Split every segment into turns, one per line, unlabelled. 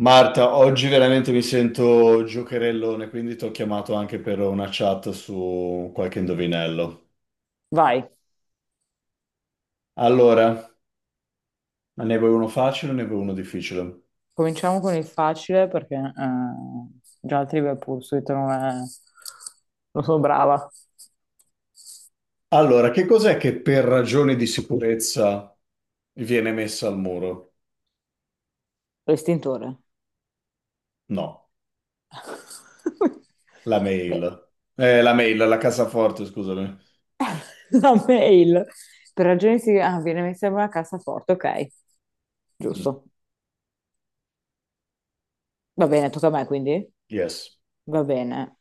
Marta, oggi veramente mi sento giocherellone, quindi ti ho chiamato anche per una chat su qualche indovinello.
Vai,
Allora, ne vuoi uno facile o ne vuoi uno difficile?
cominciamo con il facile perché già il Trivial Pursuit non è non sono brava.
Allora, che cos'è che per ragioni di sicurezza viene messa al muro?
L'estintore.
No, la
Beh,
mail. La mail, la cassaforte, scusami.
la mail. Per ragioni di ah, viene messa in una cassaforte, ok.
Mm,
Giusto. Va bene, tocca a me quindi?
yes,
Va bene.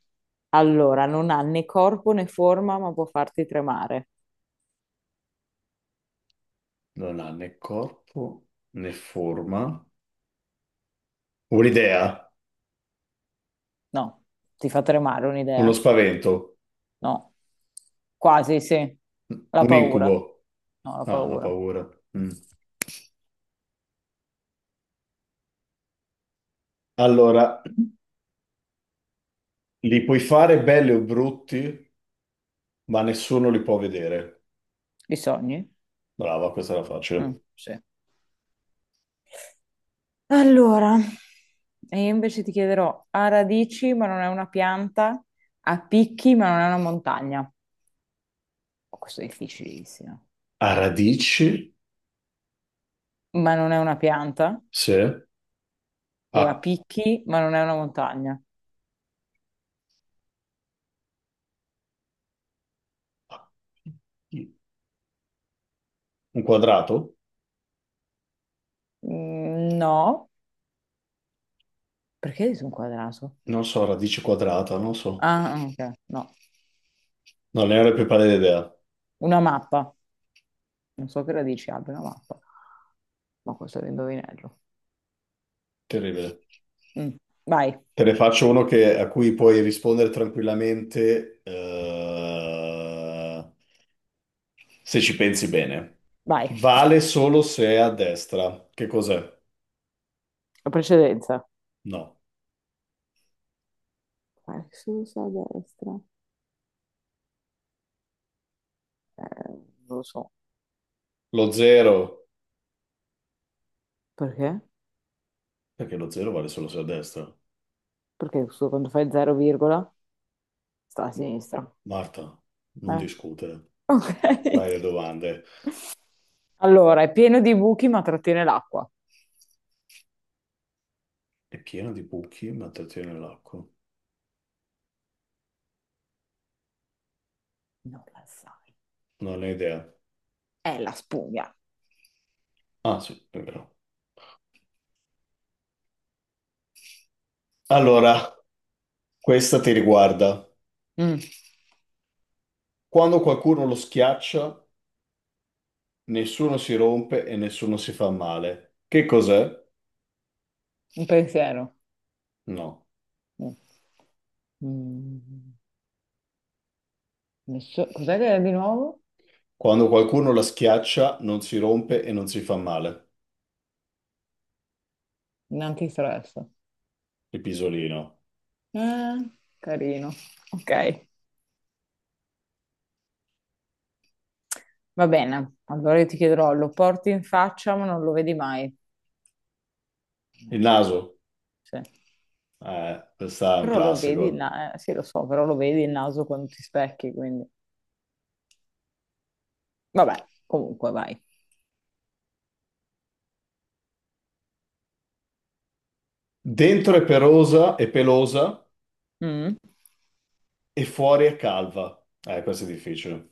Allora, non ha né corpo né forma, ma può farti tremare.
non ha né corpo né forma. Un'idea,
No, ti fa tremare
uno
un'idea?
spavento,
No, quasi sì. La
un
paura.
incubo.
No, la
Ah, la
paura.
paura. Mm. Allora, li puoi fare belli o brutti, ma nessuno li può vedere.
I sogni?
Brava, questa era
Mm,
facile.
sì. Allora, e io invece ti chiederò, ha radici ma non è una pianta, ha picchi ma non è una montagna. Oh, questo è difficilissimo.
A radici,
Ma non è una pianta
sì. A,
e ha picchi ma non è una montagna.
a- un quadrato?
Mm, no, perché sono quadrato?
Non so, radice quadrata, non so.
Ah, ok, no.
Non ne ho la più pallida idea.
Una mappa. Non so che radici abbia una mappa, ma questo è un indovinello.
Terribile.
Mm. Vai,
Te ne faccio uno che- a cui puoi rispondere tranquillamente, se ci pensi bene.
vai.
Vale solo se è a destra. Che cos'è?
La precedenza.
No.
Vai, sinistra, destra. Eh, non lo so.
Lo zero.
Perché?
Perché lo zero vale solo se a destra.
Perché quando fai 0, virgola, sta a sinistra.
Marta, non
Eh.
discutere. Dai
Ok.
le domande.
Allora, è pieno di buchi ma trattiene l'acqua.
È piena di buchi, ma trattiene l'acqua.
Non la sai.
Non ho idea.
È la spugna.
Ah, sì, è vero. Allora, questa ti riguarda.
Mm,
Quando qualcuno lo schiaccia, nessuno si rompe e nessuno si fa male. Che cos'è?
un pensiero.
No.
Mm. Mm. Cos'è che è di nuovo?
Quando qualcuno la schiaccia, non si rompe e non si fa male.
Un antistress.
Il pisolino.
Eh, carino. Ok. Va bene. Allora io ti chiederò, lo porti in faccia ma non lo vedi mai.
Il naso.
Sì.
Questa è un
Però lo vedi il
classico.
sì, lo so, però lo vedi il naso quando ti specchi, quindi vabbè, comunque vai.
Dentro è perosa e pelosa
Mm.
e fuori è calva. Questo è difficile.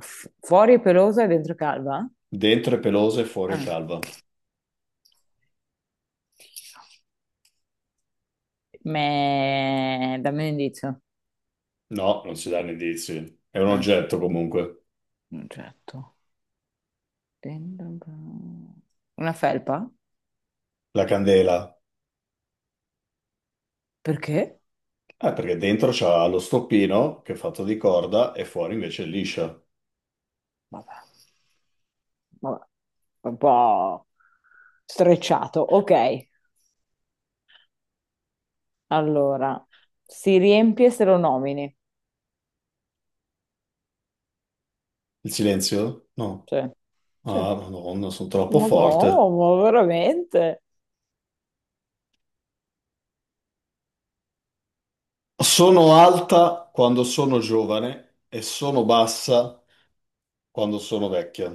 Fuori è pelosa e dentro è calva?
Dentro è pelosa e fuori è
Ah.
calva.
Me dammi un indizio.
No, non si danno indizi. È un
Eh,
oggetto comunque.
un oggetto. Dentro una felpa?
La candela.
Perché?
Perché dentro c'ha lo stoppino che è fatto di corda e fuori invece è liscia.
Vabbè, vabbè, un po' strecciato. Ok, allora, si riempie se lo nomini.
Il silenzio? No.
Sì, sì.
Ah, Madonna, sono troppo
Ma no,
forte.
ma veramente?
Sono alta quando sono giovane e sono bassa quando sono vecchia.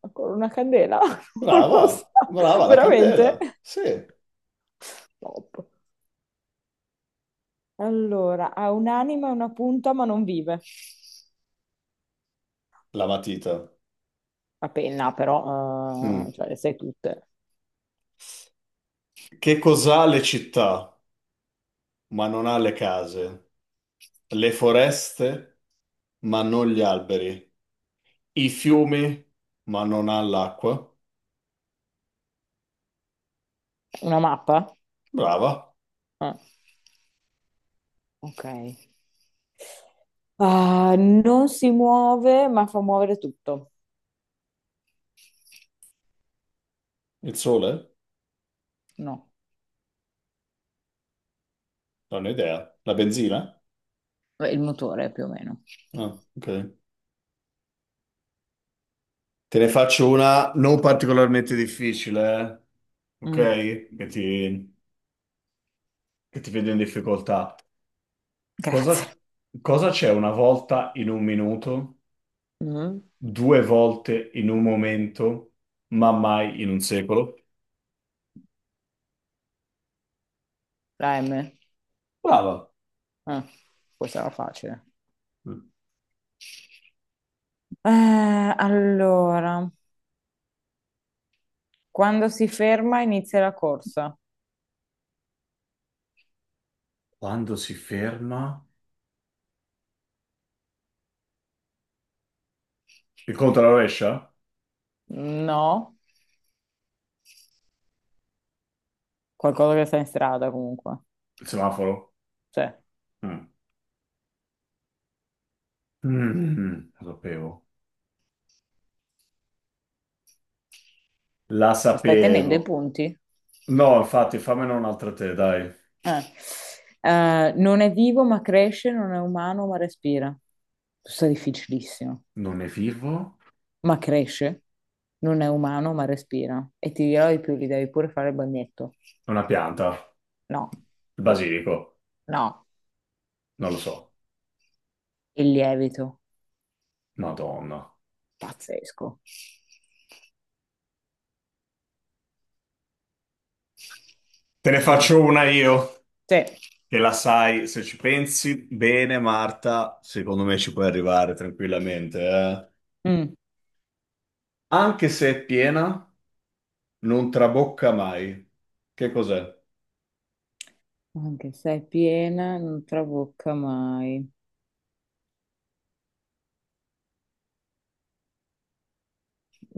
Ancora una candela? Non
Brava,
lo so,
brava la candela.
veramente?
Sì,
Top. Allora, ha un'anima e una punta ma non vive.
la matita.
La penna però,
Mm.
cioè le sai tutte.
Che cos'ha le città? Ma non ha le case, le foreste, ma non gli alberi, i fiumi, ma non ha l'acqua.
Una mappa?
Brava,
Eh. Ok. Ah, non si muove, ma fa muovere tutto.
il sole?
No,
Non ho idea. La benzina?
beh, il motore più o meno.
Ah, ok. Te ne faccio una non particolarmente difficile, eh. Ok?
Mm,
Che ti, che ti vedo in difficoltà.
grazie.
Cosa cosa c'è una volta in un minuto,
Mhm.
due volte in un momento, ma mai in un secolo?
La M.
Brava.
Ah, questa era facile. Eh, allora, quando si ferma inizia la corsa.
Quando si ferma? Il conto alla rovescia?
No, qualcosa che sta in strada comunque.
Il semaforo?
Cioè,
Mm. Mm, lo sapevo. La
ma stai tenendo i
sapevo.
punti?
No, infatti, fammene un'altra te, dai.
Eh. Non è vivo ma cresce, non è umano ma respira. Questo è difficilissimo.
Non è vivo?
Ma cresce, non è umano, ma respira. E ti dirò di più, gli devi pure fare il bagnetto.
È una pianta.
No,
Il basilico.
no,
Non lo so.
il lievito,
Madonna.
pazzesco.
Te ne
Vai.
faccio una io,
Sì.
che la sai, se ci pensi bene, Marta, secondo me ci puoi arrivare tranquillamente, eh.
Mm.
Anche se è piena, non trabocca mai. Che cos'è?
Anche se è piena, non trabocca mai.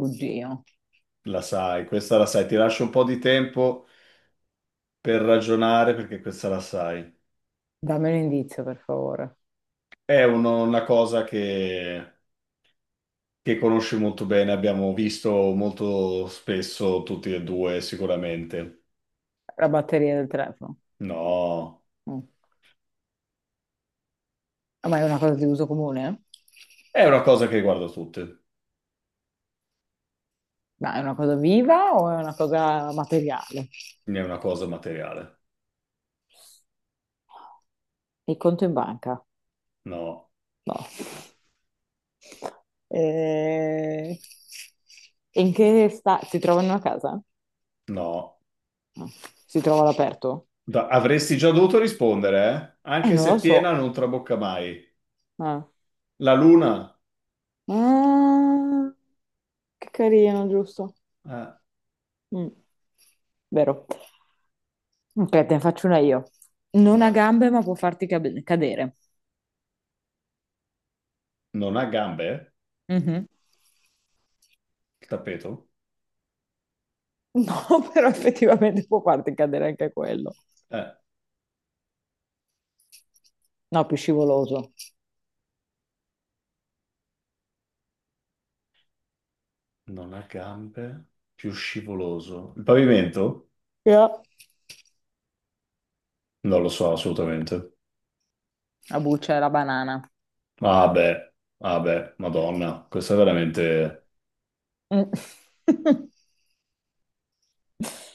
Oddio.
La sai, questa la sai. Ti lascio un po' di tempo per ragionare perché questa la sai.
Dammi un indizio, per favore.
È uno- una cosa che conosci molto bene, abbiamo visto molto spesso tutti e due, sicuramente.
La batteria del telefono.
No,
Mm. Ah, ma è una cosa di uso comune?
è una cosa che riguarda tutti, non
Ma è una cosa viva o è una cosa materiale?
è una cosa materiale.
Il conto in banca?
No,
No. Eh, in che sta si trova in una casa?
no.
No. Si trova all'aperto?
Da- avresti già dovuto rispondere, eh? Anche
Non lo
se piena
so.
non trabocca mai.
Ah.
La luna,
Ah, che carino, giusto?
eh,
Mm, vero. Ok, te ne faccio una io. Non ha
ma
gambe, ma può farti cadere.
non ha gambe? Eh?
Mhm.
Il tappeto?
No, però effettivamente può farti cadere anche quello.
Eh.
No, più scivoloso.
Non ha gambe, più scivoloso. Il pavimento?
Yeah.
Non lo so assolutamente.
La buccia e la banana.
Ah beh, ah beh, Madonna, questo è veramente...
Mm.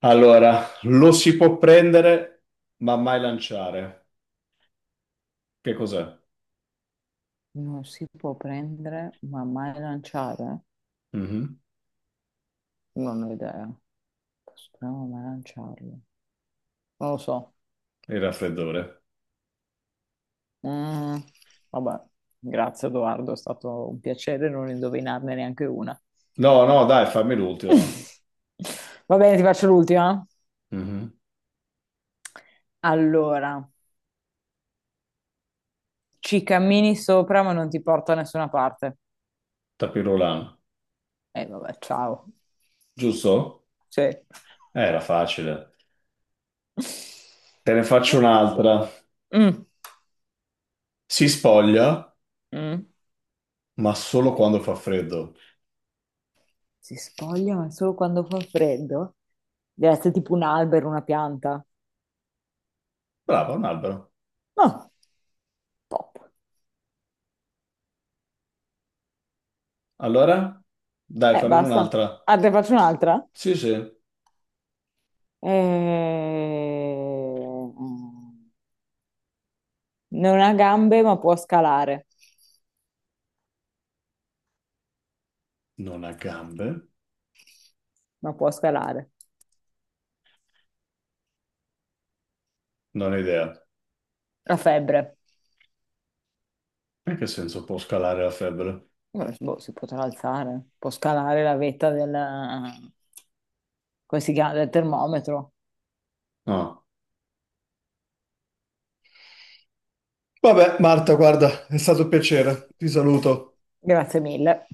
Allora, lo si può prendere, ma mai lanciare. Che cos'è?
Non si può prendere, ma mai lanciare?
Mhm.
Non ho idea. Posso prendere, ma mai lanciarlo? Non lo so.
Il raffreddore.
Mm, vabbè, grazie Edoardo, è stato un piacere non indovinarne neanche una.
No, no, dai, fammi l'ultimo.
Va bene, ti faccio l'ultima.
Mhm.
Allora, ci cammini sopra, ma non ti porta da nessuna parte.
Tapirulano.
E vabbè, ciao.
Giusto?
Sì.
Era facile. Te ne faccio un'altra.
Mm.
Si spoglia,
Mm.
ma solo quando fa freddo.
Si spoglia, ma solo quando fa freddo? Deve essere tipo un albero, una pianta.
Brava, un albero.
No, pop.
Allora? Dai, fammene
Basta.
un'altra.
Ah, te faccio un'altra?
Sì, sì.
Eh, Non ha gambe, ma può scalare.
Non ha gambe?
Ma può scalare.
Non ho idea.
La febbre.
In che senso può scalare la febbre?
Boh, si potrà alzare. Può scalare la vetta del come si chiama? Del termometro.
No. Vabbè, Marta, guarda, è stato un piacere. Ti saluto.
Grazie mille.